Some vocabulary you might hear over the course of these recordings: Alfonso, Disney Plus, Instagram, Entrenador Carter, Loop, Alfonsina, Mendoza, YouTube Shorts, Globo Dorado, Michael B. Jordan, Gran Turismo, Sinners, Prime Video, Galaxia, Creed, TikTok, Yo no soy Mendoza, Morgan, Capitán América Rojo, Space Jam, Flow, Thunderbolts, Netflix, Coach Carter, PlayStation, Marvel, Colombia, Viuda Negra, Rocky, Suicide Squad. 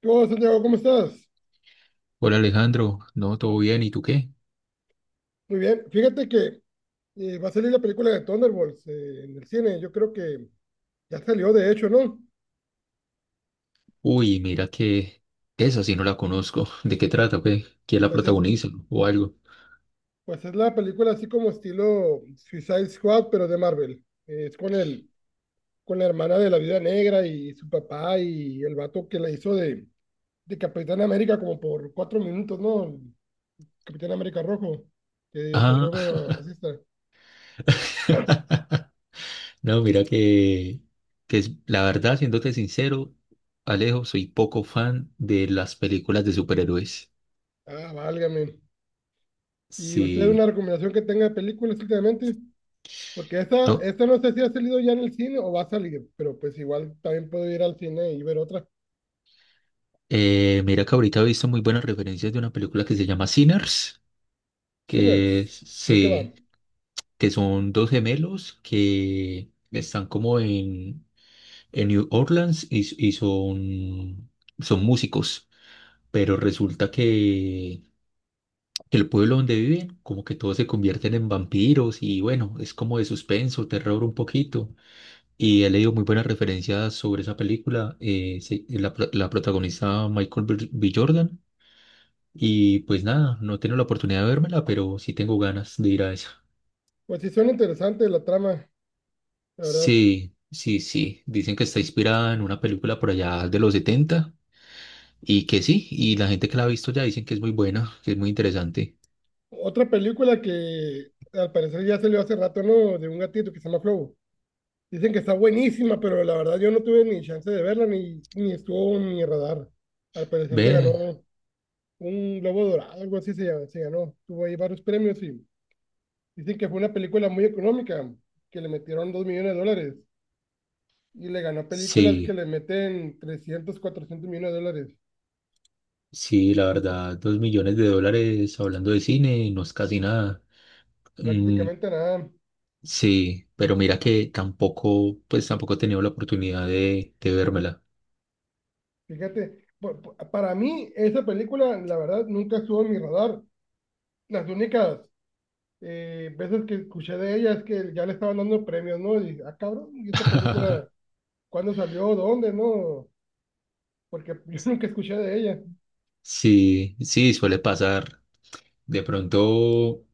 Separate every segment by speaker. Speaker 1: ¿Qué onda, Santiago? ¿Cómo estás?
Speaker 2: Hola Alejandro, no, todo bien, ¿y tú qué?
Speaker 1: Muy bien. Fíjate que va a salir la película de Thunderbolts en el cine. Yo creo que ya salió, de hecho, ¿no?
Speaker 2: Uy, mira que esa sí no la conozco. ¿De qué trata, pues? ¿Quién la
Speaker 1: Pues es,
Speaker 2: protagoniza o algo?
Speaker 1: pues es la película así como estilo Suicide Squad, pero de Marvel. Es con con la hermana de la Viuda Negra y su papá y el vato que la hizo de Capitán América como por cuatro minutos, ¿no? Capitán América Rojo, que
Speaker 2: Ah,
Speaker 1: salió medio racista.
Speaker 2: no, mira que es- la verdad, siéndote sincero, Alejo, soy poco fan de las películas de superhéroes.
Speaker 1: Ah, válgame. ¿Y usted una
Speaker 2: Sí,
Speaker 1: recomendación que tenga de películas últimamente? Porque
Speaker 2: no.
Speaker 1: esta no sé si ha salido ya en el cine o va a salir, pero pues igual también puedo ir al cine y ver otra.
Speaker 2: Mira que ahorita he visto muy buenas referencias de una película que se llama Sinners, que es-
Speaker 1: Sinners, ¿de qué va?
Speaker 2: sí, que son dos gemelos que están como en New Orleans y son, son músicos, pero resulta que el pueblo donde viven, como que todos se convierten en vampiros y bueno, es como de suspenso, terror un poquito. Y he leído muy buenas referencias sobre esa película, se- la, pro- la protagonista Michael B. Jordan. Y pues nada, no tengo la oportunidad de vérmela, pero sí tengo ganas de ir a esa.
Speaker 1: Pues sí, son interesantes la trama, la verdad.
Speaker 2: Sí, sí, sí. Dicen que está inspirada en una película por allá de los setenta. Y que sí, y la gente que la ha visto ya dicen que es muy buena, que es muy interesante.
Speaker 1: Otra película que al parecer ya salió hace rato, ¿no? De un gatito que se llama Flow. Dicen que está buenísima, pero la verdad yo no tuve ni chance de verla, ni estuvo en mi radar. Al parecer se
Speaker 2: Ve,
Speaker 1: ganó un Globo Dorado, algo así se ganó. Tuvo ahí varios premios y dicen que fue una película muy económica, que le metieron dos millones de dólares y le ganó películas que
Speaker 2: sí,
Speaker 1: le meten 300 400 millones de dólares.
Speaker 2: sí, la verdad, $2 millones hablando de cine no es casi nada. Mm,
Speaker 1: Prácticamente nada.
Speaker 2: sí, pero mira que tampoco, pues tampoco he tenido la oportunidad de vérmela.
Speaker 1: Fíjate, para mí esa película, la verdad, nunca estuvo en mi radar. Las únicas veces que escuché de ella es que ya le estaban dando premios, ¿no? Y, ah, cabrón, ¿y esta película cuándo salió? ¿Dónde? ¿No? Porque yo nunca escuché de ella.
Speaker 2: Sí, sí, suele pasar. De pronto,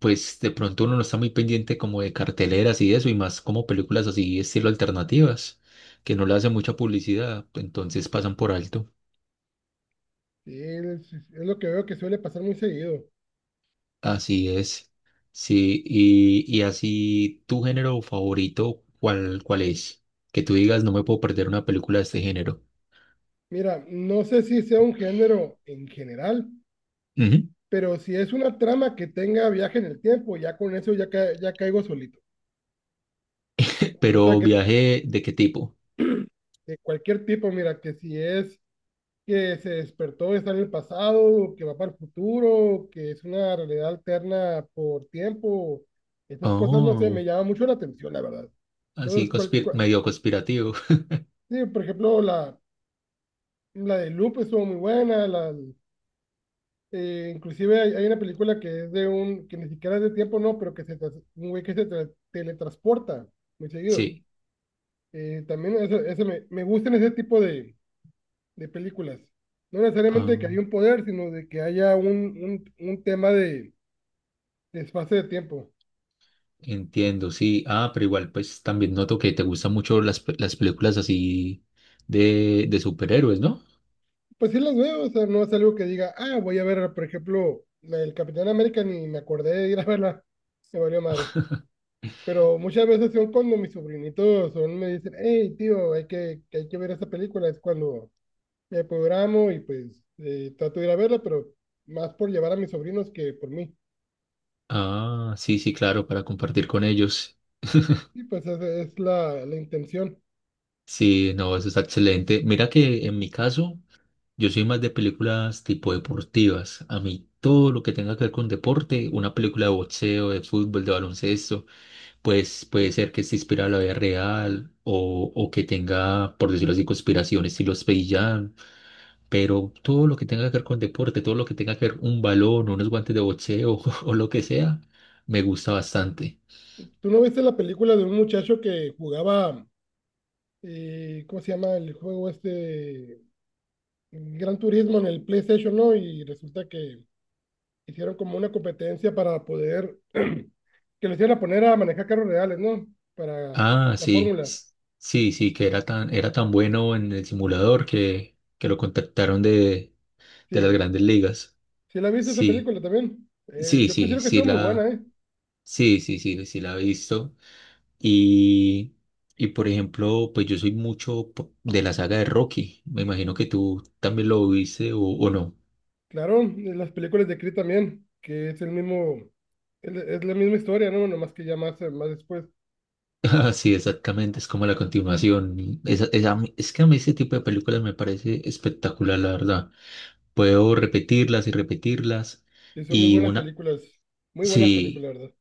Speaker 2: pues de pronto uno no está muy pendiente como de carteleras y eso, y más como películas así, estilo alternativas, que no le hacen mucha publicidad, entonces pasan por alto.
Speaker 1: Sí, es lo que veo que suele pasar muy seguido.
Speaker 2: Así es. Sí, y así, ¿tu género favorito cuál es? Que tú digas, no me puedo perder una película de este género.
Speaker 1: Mira, no sé si sea un género en general,
Speaker 2: Ujú.
Speaker 1: pero si es una trama que tenga viaje en el tiempo, ya con eso ya, ya caigo solito. O sea,
Speaker 2: ¿Pero
Speaker 1: que
Speaker 2: viaje de qué tipo?
Speaker 1: de cualquier tipo, mira, que si es que se despertó, está en el pasado, o que va para el futuro, o que es una realidad alterna por tiempo, esas cosas, no sé,
Speaker 2: Oh,
Speaker 1: me llama mucho la atención, la verdad.
Speaker 2: así
Speaker 1: Entonces,
Speaker 2: conspir- medio conspirativo.
Speaker 1: sí, por ejemplo, la de Loop estuvo muy buena, inclusive hay una película que es de un, que ni siquiera es de tiempo, no, pero que un güey que teletransporta muy seguido.
Speaker 2: Sí.
Speaker 1: También eso me gustan ese tipo de películas. No necesariamente
Speaker 2: Ah,
Speaker 1: que haya un poder, sino de que haya un tema de espacio de tiempo.
Speaker 2: entiendo, sí. Ah, pero igual, pues también noto que te gustan mucho las películas así de superhéroes, ¿no?
Speaker 1: Pues sí las veo, o sea, no es algo que diga, ah, voy a ver, por ejemplo, la del Capitán América, ni me acordé de ir a verla, me valió madre. Pero muchas veces son cuando mis sobrinitos son, me dicen, hey, tío, que hay que ver esta película, es cuando me programo y pues trato de ir a verla, pero más por llevar a mis sobrinos que por mí.
Speaker 2: Ah, sí, sí, claro, para compartir con ellos.
Speaker 1: Sí, pues esa es la intención.
Speaker 2: Sí, no, eso está excelente. Mira que en mi caso... Yo soy más de películas tipo deportivas. A mí todo lo que tenga que ver con deporte, una película de boxeo, de fútbol, de baloncesto, pues puede ser que esté inspirada en la vida real o que tenga, por decirlo así, conspiraciones, estilo Space Jam. Pero todo lo que tenga que ver con deporte, todo lo que tenga que ver un balón, unos guantes de boxeo o lo que sea, me gusta bastante.
Speaker 1: ¿Tú no viste la película de un muchacho que jugaba, ¿cómo se llama el juego este? Gran Turismo en el PlayStation, ¿no? Y resulta que hicieron como una competencia para poder, que lo hicieran a poner a manejar carros reales, ¿no? Para
Speaker 2: Ah,
Speaker 1: la
Speaker 2: sí,
Speaker 1: fórmula.
Speaker 2: s- sí, sí, que era tan bueno en el simulador que lo contactaron de las
Speaker 1: Sí,
Speaker 2: grandes ligas.
Speaker 1: sí la viste esa
Speaker 2: Sí,
Speaker 1: película también.
Speaker 2: sí,
Speaker 1: Yo
Speaker 2: sí,
Speaker 1: considero que
Speaker 2: sí
Speaker 1: estuvo muy buena,
Speaker 2: la,
Speaker 1: ¿eh?
Speaker 2: sí, sí, sí, sí la he visto. Y, y por ejemplo, pues yo soy mucho po- de la saga de Rocky. Me imagino que tú también lo viste o no.
Speaker 1: Claro, y las películas de Creed también, que es el mismo, es la misma historia, ¿no? Nomás que ya más, más después.
Speaker 2: Ah, sí, exactamente, es como la continuación. Esa- esa- a mí- es que a mí ese tipo de películas me parece espectacular, la verdad. Puedo repetirlas y repetirlas.
Speaker 1: Sí, son muy
Speaker 2: Y
Speaker 1: buenas
Speaker 2: una,
Speaker 1: películas. Muy buenas
Speaker 2: sí.
Speaker 1: películas, ¿verdad?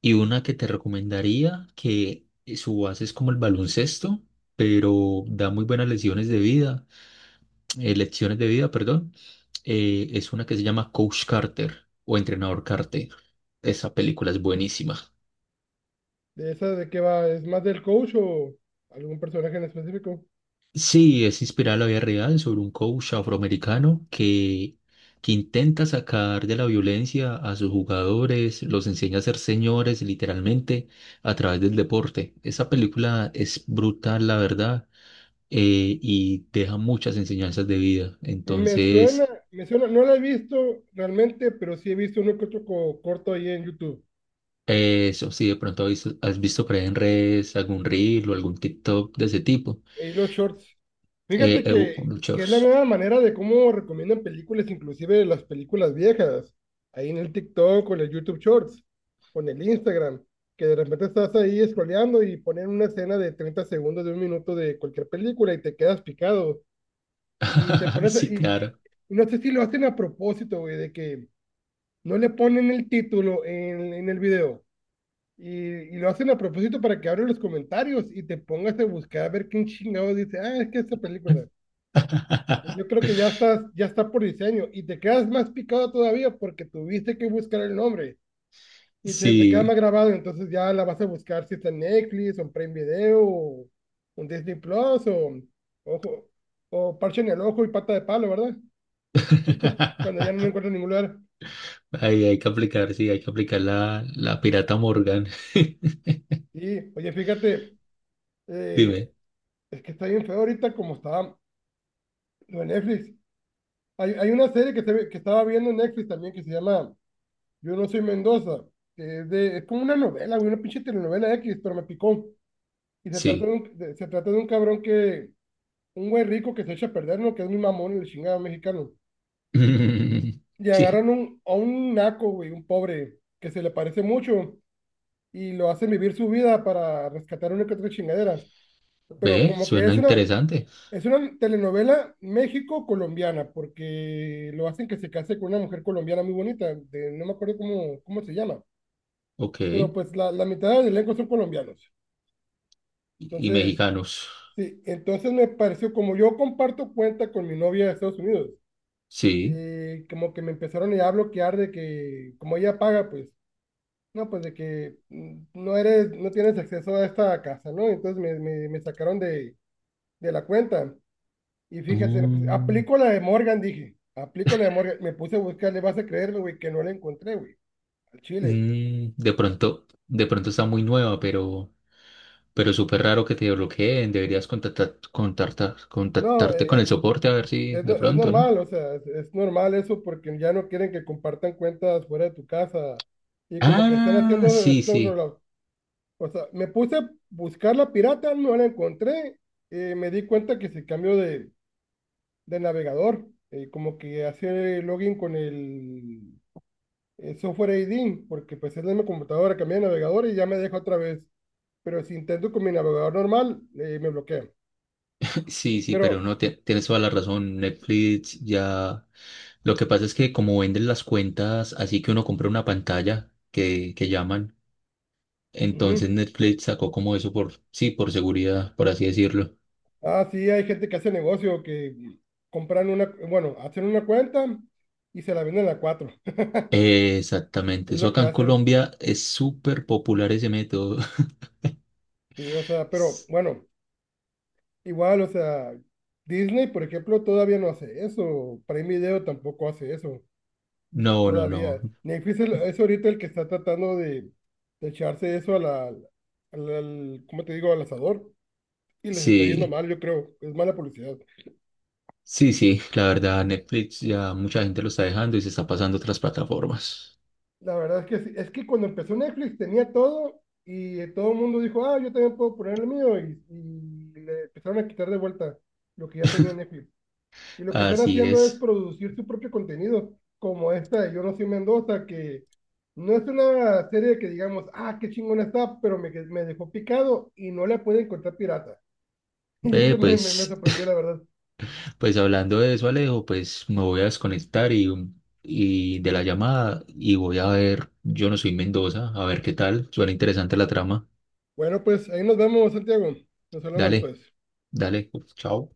Speaker 2: Y una que te recomendaría, que su base es como el baloncesto, pero da muy buenas lesiones de vida, lecciones de vida, perdón, es una que se llama Coach Carter o Entrenador Carter. Esa película es buenísima.
Speaker 1: ¿De esa de qué va? ¿Es más del coach o algún personaje en específico?
Speaker 2: Sí, es inspirada en la vida real sobre un coach afroamericano que intenta sacar de la violencia a sus jugadores, los enseña a ser señores literalmente a través del deporte. Esa película es brutal, la verdad. Y deja muchas enseñanzas de vida. Entonces,
Speaker 1: Me suena, no la he visto realmente, pero sí he visto uno que otro corto ahí en YouTube.
Speaker 2: eso, si de pronto has visto por ahí en redes algún reel o algún TikTok de ese tipo,
Speaker 1: Y los shorts. Fíjate
Speaker 2: un
Speaker 1: que es la
Speaker 2: shorts.
Speaker 1: nueva manera de cómo recomiendan películas, inclusive las películas viejas. Ahí en el TikTok, con el YouTube Shorts, con el Instagram, que de repente estás ahí scrolleando y ponen una escena de 30 segundos, de un minuto de cualquier película y te quedas picado. Y te pones,
Speaker 2: Sí, claro.
Speaker 1: y no sé si lo hacen a propósito, güey, de que no le ponen el título en el video. Y, y lo hacen a propósito para que abran los comentarios y te pongas a buscar a ver quién chingado dice, ah, es que esta película. Yo creo que ya estás, ya está por diseño y te quedas más picado todavía porque tuviste que buscar el nombre y se te queda más
Speaker 2: Sí.
Speaker 1: grabado, entonces ya la vas a buscar si está en Netflix, o en Prime Video, o en Disney Plus, o, ojo, o parche en el ojo y pata de palo, ¿verdad? Cuando ya no lo encuentro en ningún lugar.
Speaker 2: Ahí hay que aplicar, sí, hay que aplicar la, la pirata Morgan.
Speaker 1: Y, oye, fíjate, eh,
Speaker 2: Dime,
Speaker 1: es que está bien feo ahorita como está lo de Netflix. Hay una serie que estaba viendo en Netflix también que se llama Yo no soy Mendoza, que es como una novela, güey, una pinche telenovela X, pero me picó. Y se trata de
Speaker 2: sí.
Speaker 1: un, se trata de un cabrón un güey rico que se echa a perder, ¿no? Que es mi mamón, el chingado mexicano. Y
Speaker 2: Sí.
Speaker 1: agarran a un naco, güey, un pobre, que se le parece mucho, y lo hacen vivir su vida para rescatar una que otra chingadera. Pero
Speaker 2: Ve,
Speaker 1: como que
Speaker 2: suena
Speaker 1: es una,
Speaker 2: interesante.
Speaker 1: es una telenovela México-colombiana, porque lo hacen que se case con una mujer colombiana muy bonita, de, no me acuerdo cómo se llama,
Speaker 2: Ok.
Speaker 1: pero pues la mitad del elenco son colombianos.
Speaker 2: Y
Speaker 1: Entonces,
Speaker 2: mexicanos.
Speaker 1: sí, entonces me pareció, como yo comparto cuenta con mi novia de Estados Unidos,
Speaker 2: Sí.
Speaker 1: como que me empezaron ya a bloquear de que, como ella paga, pues, no, pues de que no eres, no tienes acceso a esta casa, ¿no? Entonces me sacaron de la cuenta. Y fíjate, pues,
Speaker 2: Mm,
Speaker 1: aplico la de Morgan, dije. Aplico la de Morgan. Me puse a buscar, le vas a creerlo, güey, que no la encontré, güey, al chile.
Speaker 2: mm, de pronto está muy nueva, pero súper raro que te bloqueen. Deberías contactar,
Speaker 1: No,
Speaker 2: contactarte con el soporte a ver si de
Speaker 1: es
Speaker 2: pronto, ¿no?
Speaker 1: normal, o sea, es normal eso porque ya no quieren que compartan cuentas fuera de tu casa. Y como que están
Speaker 2: Ah,
Speaker 1: haciendo
Speaker 2: sí,
Speaker 1: snow
Speaker 2: sí,
Speaker 1: rollout. O sea, me puse a buscar la pirata, no la encontré. Me di cuenta que se cambió de navegador. Como que hace login con el software ID, porque pues es la misma computadora, cambié de navegador y ya me deja otra vez, pero si intento con mi navegador normal, me bloquea.
Speaker 2: sí, sí,
Speaker 1: Pero,
Speaker 2: pero no, ti- tienes toda la razón. Netflix ya. Lo que pasa es que como venden las cuentas, así que uno compra una pantalla que llaman.
Speaker 1: ujú.
Speaker 2: Entonces Netflix sacó como eso por, sí, por seguridad, por así decirlo.
Speaker 1: Ah, sí, hay gente que hace negocio, que compran una, bueno, hacen una cuenta y se la venden a cuatro.
Speaker 2: Exactamente,
Speaker 1: Es
Speaker 2: eso
Speaker 1: lo
Speaker 2: acá
Speaker 1: que
Speaker 2: en
Speaker 1: hacen.
Speaker 2: Colombia es súper popular ese método.
Speaker 1: Sí, o sea, pero bueno, igual, o sea, Disney, por ejemplo, todavía no hace eso. Prime Video tampoco hace eso.
Speaker 2: No, no, no.
Speaker 1: Todavía. Netflix es ahorita el que está tratando de echarse eso a al- ¿cómo te digo? Al asador. Y les está yendo
Speaker 2: Sí,
Speaker 1: mal, yo creo. Es mala publicidad.
Speaker 2: sí, sí. La verdad, Netflix ya mucha gente lo está dejando y se está pasando a otras plataformas.
Speaker 1: La verdad es que sí. Es que cuando empezó Netflix tenía todo y todo el mundo dijo, ah, yo también puedo poner el mío y le empezaron a quitar de vuelta lo que ya tenía Netflix. Y lo que están
Speaker 2: Así
Speaker 1: haciendo es
Speaker 2: es.
Speaker 1: producir su propio contenido, como esta de Yo no soy Mendoza, que no es una serie que digamos, ah, qué chingona está, pero me dejó picado y no la puede encontrar pirata. Y
Speaker 2: Ve,
Speaker 1: eso me
Speaker 2: pues,
Speaker 1: sorprendió, la verdad.
Speaker 2: pues hablando de eso, Alejo, pues me voy a desconectar y de la llamada y voy a ver, Yo no soy Mendoza, a ver qué tal. Suena interesante la trama.
Speaker 1: Bueno, pues ahí nos vemos, Santiago. Nos hablamos,
Speaker 2: Dale,
Speaker 1: pues.
Speaker 2: dale. Chao.